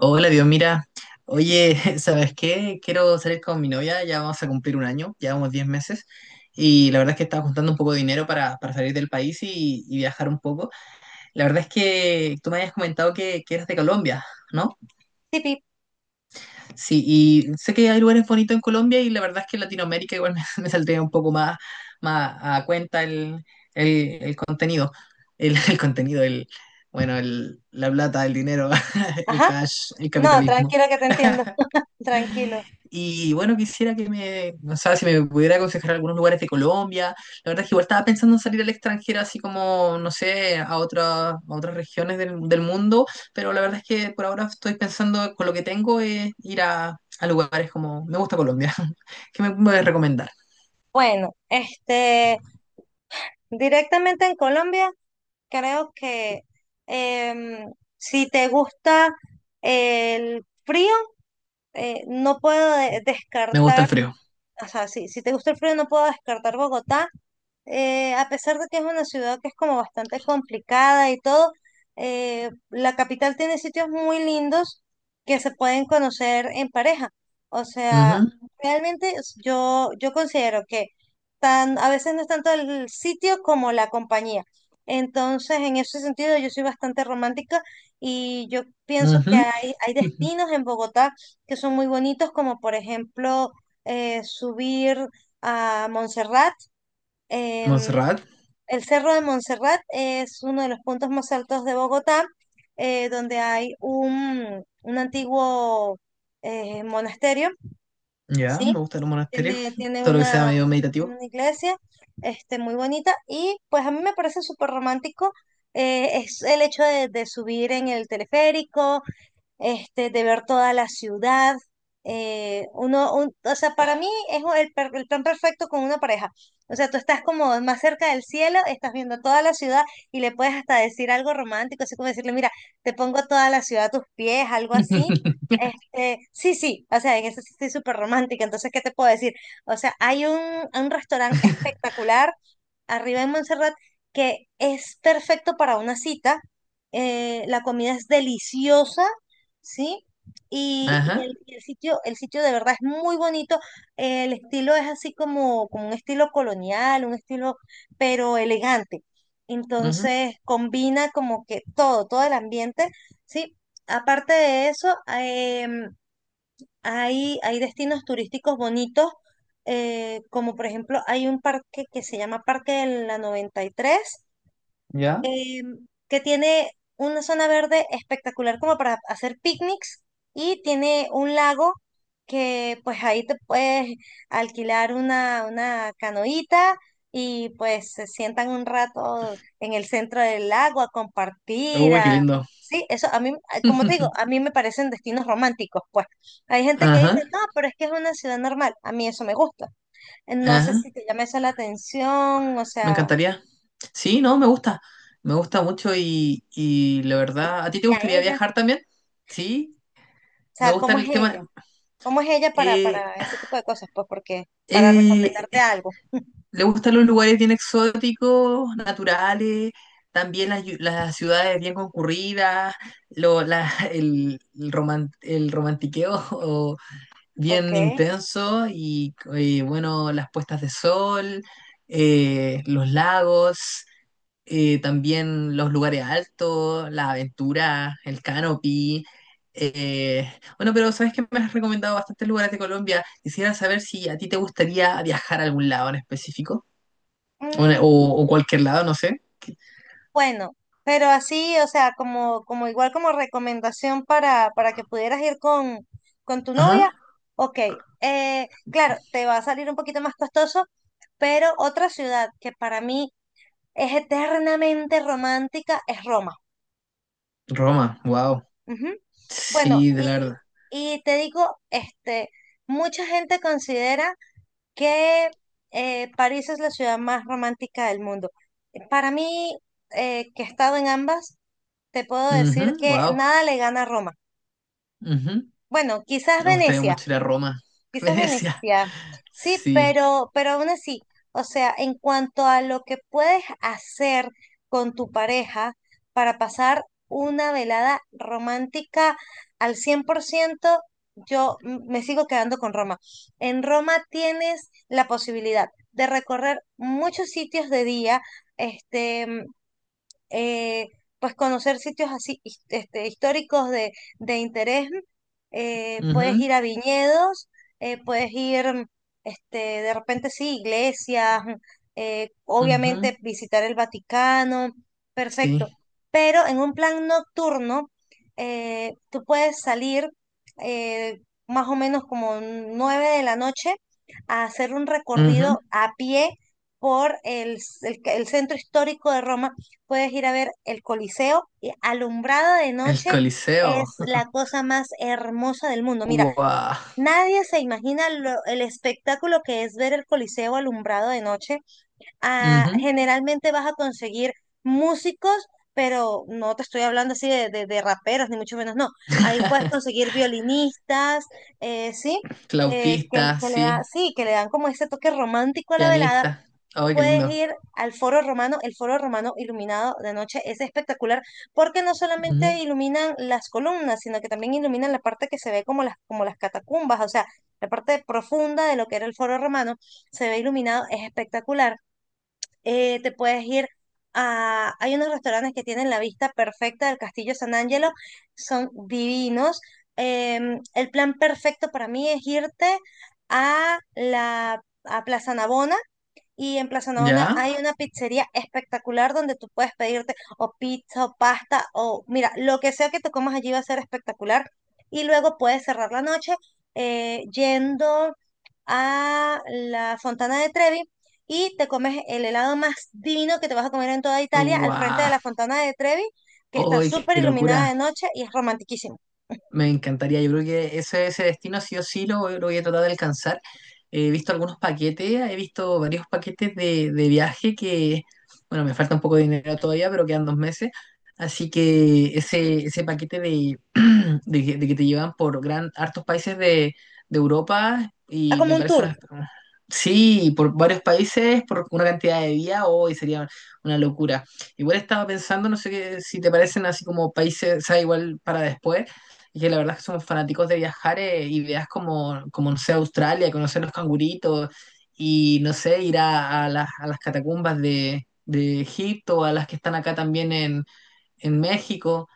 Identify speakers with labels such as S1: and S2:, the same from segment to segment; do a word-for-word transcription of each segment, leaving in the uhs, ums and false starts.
S1: Hola, Dios, mira. Oye, ¿sabes qué? Quiero salir con mi novia, ya vamos a cumplir un año, llevamos diez meses. Y la verdad es que estaba juntando un poco de dinero para, para salir del país y, y viajar un poco. La verdad es que tú me habías comentado que, que eras de Colombia, ¿no?
S2: Tipi.
S1: Sí, y sé que hay lugares bonitos en Colombia y la verdad es que en Latinoamérica igual me, me saldría un poco más, más a cuenta el, el, el contenido. El, el contenido, el, bueno, el, la plata, el dinero, el
S2: Ajá,
S1: cash, el
S2: no,
S1: capitalismo.
S2: tranquilo que te entiendo, tranquilo.
S1: Y bueno, quisiera que me, no sé si me pudiera aconsejar algunos lugares de Colombia. La verdad es que igual estaba pensando en salir al extranjero, así como, no sé, a otra- a otras regiones del, del mundo, pero la verdad es que por ahora estoy pensando con lo que tengo es ir a, a lugares como, me gusta Colombia. ¿Qué me puedes recomendar?
S2: Bueno, este, directamente en Colombia, creo que em, si te gusta el frío, eh, no puedo de-
S1: Me gusta el
S2: descartar.
S1: frío.
S2: O sea, si, si te gusta el frío, no puedo descartar Bogotá, eh, a pesar de que es una ciudad que es como bastante complicada y todo. Eh, la capital tiene sitios muy lindos que se pueden conocer en pareja. O sea, realmente es- yo, yo considero que tan, a veces no es tanto el sitio como la compañía. Entonces, en ese sentido, yo soy bastante romántica y yo pienso
S1: Ujú,
S2: que hay, hay
S1: ujú.
S2: destinos en Bogotá que son muy bonitos, como por ejemplo eh, subir a Montserrat. em,
S1: Montserrat,
S2: el Cerro de Montserrat es uno de los puntos más altos de Bogotá, eh, donde hay un, un antiguo eh, monasterio,
S1: ya,
S2: ¿sí?
S1: me gusta los monasterios,
S2: Tiene, tiene
S1: todo lo que sea
S2: una,
S1: medio
S2: tiene
S1: meditativo.
S2: una iglesia este, muy bonita y pues a mí me parece súper romántico. Eh, es el hecho de, de subir en el teleférico, este, de ver toda la ciudad. Eh, uno, un- o sea, para mí es el, per- el plan perfecto con una pareja. O sea, tú estás como más cerca del cielo, estás viendo toda la ciudad y le puedes hasta decir algo romántico, así como decirle, mira, te pongo toda la ciudad a tus pies, algo así. Este, sí, sí, o sea, en eso sí estoy súper romántica, entonces, ¿qué te puedo decir? O sea, hay un, un restaurante espectacular arriba en Montserrat que es perfecto para una cita. Eh, la comida es deliciosa, ¿sí? Y,
S1: Ajá,
S2: y el, y el sitio, el sitio de verdad es muy bonito. El estilo es así como, como un estilo colonial, un estilo, pero elegante.
S1: ujú,
S2: Entonces combina como que todo, todo el ambiente, ¿sí? Aparte de eso, em, hay, hay destinos turísticos bonitos, eh, como por ejemplo hay un parque que se llama Parque de la noventa y tres,
S1: ya.
S2: eh, que tiene una zona verde espectacular como para hacer picnics y tiene un lago que pues ahí te puedes alquilar una, una canoita y pues se sientan un rato en el centro del lago a compartir,
S1: Uy, qué
S2: a...
S1: lindo.
S2: Sí, eso a mí, a- como te digo, a mí me parecen destinos románticos, pues. Hay gente que
S1: Ajá,
S2: dice, no, pero es que es una ciudad normal. A mí eso me gusta. No sé
S1: ajá.
S2: si te llama eso la atención, o
S1: Me
S2: sea,
S1: encantaría. Sí, no, me gusta. Me gusta mucho y, y la verdad, ¿a ti te
S2: ¿y a
S1: gustaría
S2: ella?
S1: viajar también? Sí,
S2: O
S1: me
S2: sea,
S1: gusta
S2: ¿cómo es
S1: el tema.
S2: ella? ¿Cómo es ella para,
S1: eh,
S2: para ese tipo de cosas? Pues porque, para
S1: eh,
S2: recomendarte algo.
S1: Le gustan los lugares bien exóticos, naturales, también las, yu- las ciudades bien concurridas, lo, la- el, el roman- el romantiqueo o
S2: Ok.
S1: bien intenso y, eh, bueno, las puestas de sol, eh, los lagos. Eh, también los lugares altos, las aventuras, el canopy. eh, bueno, pero sabes que me has recomendado bastantes lugares de Colombia. Quisiera saber si a ti te gustaría viajar a algún lado en específico o,
S2: Mm,
S1: o- o cualquier lado, no sé.
S2: bueno, pero así, o sea, como, como igual como recomendación para, para que pudieras ir con, con tu
S1: Ajá,
S2: novia. Ok. Eh, claro, te va a salir un poquito más costoso, pero otra ciudad que para mí es eternamente romántica es Roma.
S1: Roma, wow.
S2: Ujú. Bueno,
S1: Sí, de
S2: y,
S1: la verdad.
S2: y te digo, este, mucha gente considera que eh, París es la ciudad más romántica del mundo. Para mí, eh, que he estado en ambas, te puedo decir que
S1: Wow.
S2: nada le gana a Roma.
S1: Me
S2: Bueno, quizás
S1: gustaría
S2: Venecia,
S1: mucho ir a Roma,
S2: quizás
S1: Venecia.
S2: Venecia. Sí,
S1: Sí.
S2: pero, pero aún así, o sea, en cuanto a lo que puedes hacer con tu pareja para pasar una velada romántica al cien por ciento, yo m- me sigo quedando con Roma. En Roma tienes la posibilidad de recorrer muchos sitios de día, este, eh, pues conocer sitios así his- este, históricos de, de interés. Eh, puedes
S1: Ujú,
S2: ir a viñedos, eh, puedes ir, este, de repente sí, iglesias, eh, obviamente
S1: ujú.
S2: visitar el Vaticano, perfecto.
S1: Sí.
S2: Pero en un plan nocturno, eh, tú puedes salir eh, más o menos como nueve de la noche a hacer un
S1: Ujú.
S2: recorrido a pie por el, c- el ca- el centro histórico de Roma. Puedes ir a ver el Coliseo y alumbrado de
S1: El
S2: noche
S1: Coliseo.
S2: es la cosa más hermosa del mundo. Mira,
S1: Wow.
S2: nadie se imagina lo- el espectáculo que es ver el Coliseo alumbrado de noche. Ah, generalmente vas a conseguir músicos, pero no te estoy hablando así de, de, de raperos, ni mucho menos, no. Ahí puedes conseguir violinistas, eh, ¿sí? eh, que,
S1: Flautista,
S2: que le
S1: sí.
S2: da, sí, que le dan como ese toque romántico a la velada.
S1: Pianista. Ay, qué
S2: Puedes
S1: lindo.
S2: ir al Foro Romano, el Foro Romano iluminado de noche es espectacular porque no solamente
S1: Ujú.
S2: iluminan las columnas, sino que también iluminan la parte que se ve como las, como las catacumbas, o sea, la parte profunda de lo que era el Foro Romano, se ve iluminado, es espectacular. Eh, te puedes ir a, hay unos restaurantes que tienen la vista perfecta del Castillo San Angelo, son divinos. Em, el plan perfecto para mí es irte a la a Plaza Navona y en Plaza Navona
S1: ¿Ya?
S2: hay una pizzería espectacular donde tú puedes pedirte o pizza o pasta o mira, lo que sea que te comas allí va a ser espectacular. Y luego puedes cerrar la noche eh, yendo a la Fontana de Trevi y te comes el helado más divino que te vas a comer en toda Italia al frente
S1: ¡Guau!
S2: de la Fontana de Trevi, que está
S1: ¡Ay, qué
S2: súper
S1: qué
S2: iluminada
S1: locura!
S2: de noche y es romantiquísimo.
S1: Me encantaría, yo creo que ese, ese destino sí o sí lo, voy lo voy a tratar de alcanzar. He visto algunos paquetes, he visto varios paquetes de, de viaje que, bueno, me falta un poco de dinero todavía, pero quedan dos meses. Así que ese, ese paquete de, de, que de que te llevan por gran, hartos países de, de Europa
S2: Ah,
S1: y
S2: como
S1: me
S2: un
S1: parece
S2: tour.
S1: una... Sí, por varios países, por una cantidad de días, hoy sería una locura. Igual estaba pensando, no sé qué, si te parecen así como países, o sea, igual para después y que la verdad es que somos fanáticos de viajar eh, y veas como, como, no sé, Australia, conocer los canguritos y, no sé, ir a, a las, a las catacumbas de, de Egipto, a las que están acá también en, en México.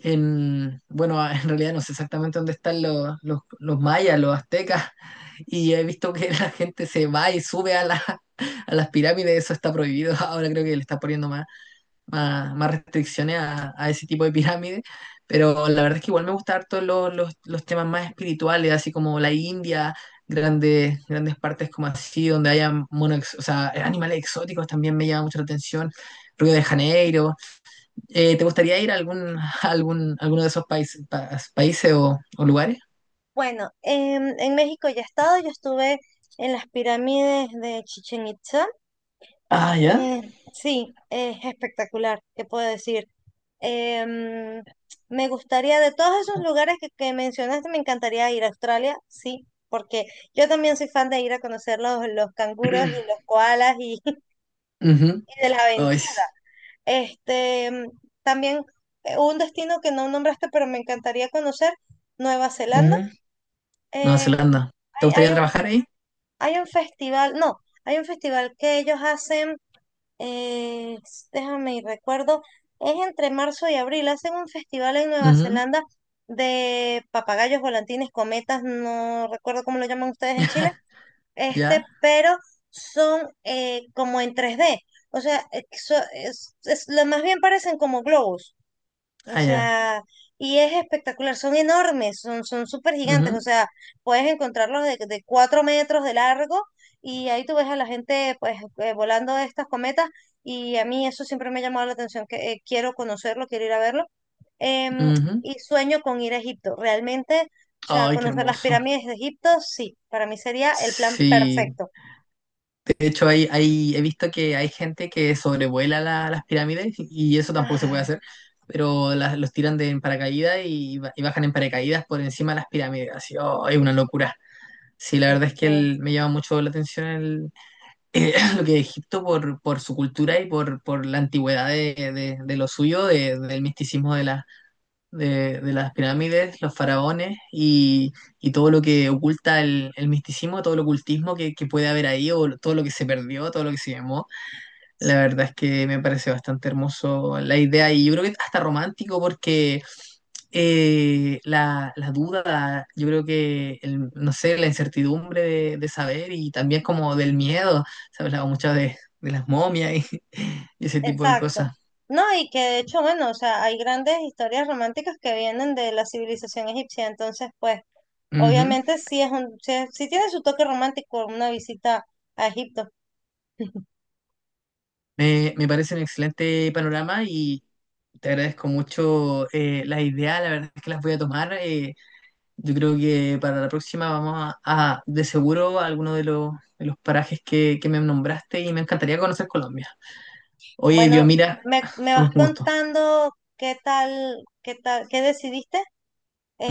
S1: En, bueno, en realidad no sé exactamente dónde están los, los, los mayas, los aztecas, y he visto que la gente se va y sube a, la, a las pirámides, eso está prohibido, ahora creo que le está poniendo más más, más restricciones a, a ese tipo de pirámides, pero la verdad es que igual me gustan harto los, los, los temas más espirituales, así como la India, grandes, grandes partes como así, donde haya mono, ex- o sea, animales exóticos también me llama mucho la atención. Río de Janeiro. Eh, ¿te gustaría ir a algún, a algún, alguno de esos países, pa- países o, o lugares?
S2: Bueno, en, en México ya he estado, yo estuve en las pirámides de Chichen Itza.
S1: Ah, ya.
S2: Eh, sí, es espectacular, ¿qué puedo decir? Em, Me gustaría, de todos esos lugares que, que mencionaste, me encantaría ir a Australia, sí, porque yo también soy fan de ir a conocer los, los canguros y los koalas y,
S1: Ujú.
S2: y de la
S1: Oh,
S2: aventura.
S1: es-
S2: Este, em, también eh, un destino que no nombraste, pero me encantaría conocer, Nueva Zelanda.
S1: Ujú. Nueva
S2: Eh,
S1: Zelanda. ¿Te
S2: hay,
S1: gustaría
S2: hay un,
S1: trabajar ahí?
S2: hay un festival, no, hay un festival que ellos hacen eh, déjame y recuerdo, es entre marzo y abril. Hacen un festival en Nueva
S1: Ujú.
S2: Zelanda de papagayos, volantines, cometas, no recuerdo cómo lo llaman ustedes en Chile, este,
S1: ¿Ya?
S2: pero son eh, como en tres d. O sea, eh, so- es- es- lo más bien parecen como globos. O
S1: Ah, ya.
S2: sea, y es espectacular, son enormes, son, son súper gigantes, o
S1: Ujú,
S2: sea, puedes encontrarlos de, de cuatro metros de largo y ahí tú ves a la gente pues eh, volando estas cometas y a mí eso siempre me ha llamado la atención, que eh, quiero conocerlo, quiero ir a verlo. Em,
S1: ujú.
S2: y sueño con ir a Egipto, realmente, o sea,
S1: Ay, qué
S2: conocer las
S1: hermoso.
S2: pirámides de Egipto, sí, para mí sería el plan
S1: Sí,
S2: perfecto.
S1: de hecho hay, hay, he visto que hay gente que sobrevuela la- las pirámides y eso tampoco se puede
S2: Ah,
S1: hacer, pero las, los tiran de en paracaídas y, ba- y bajan en paracaídas por encima de las pirámides. Así, oh, es una locura. Sí, la verdad es que el- me llama mucho la atención el, eh, lo que es Egipto por, por su cultura y por, por la antigüedad de, de- de lo suyo, de- del misticismo de la de, de las pirámides, los faraones y, y todo lo que oculta el, el misticismo, todo el ocultismo que, que puede haber ahí o todo lo que se perdió, todo lo que se llamó. La verdad es que me parece bastante hermoso la idea y yo creo que hasta romántico porque eh, la, la duda, yo creo que, el- no sé, la incertidumbre de, de saber y también como del miedo, se hablaba mucho de, de las momias y, y ese tipo de
S2: exacto.
S1: cosas.
S2: No, y que de hecho, bueno, o sea, hay grandes historias románticas que vienen de la civilización egipcia, entonces, pues, obviamente sí es un, sí, es- sí tiene su toque romántico una visita a Egipto.
S1: Me, me parece un excelente panorama y te agradezco mucho eh, las ideas, la verdad es que las voy a tomar. Eh, yo creo que para la próxima vamos a, a, de seguro a alguno de los, de los parajes que, que me nombraste y me encantaría conocer Colombia. Oye,
S2: Bueno,
S1: Dios, mira,
S2: me, me
S1: fue un
S2: vas
S1: gusto.
S2: contando qué tal, qué tal, qué decidiste.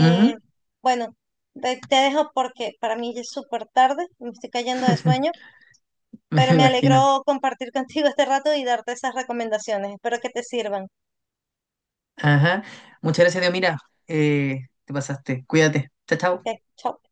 S1: Ujú.
S2: bueno, te, te dejo porque para mí ya es súper tarde, me estoy cayendo de sueño.
S1: Me
S2: Pero me
S1: imagino.
S2: alegró compartir contigo este rato y darte esas recomendaciones. Espero que te sirvan.
S1: Ajá. Muchas gracias, Dios, mira, eh, te pasaste. Cuídate. Chao, chao.
S2: Ok, chao.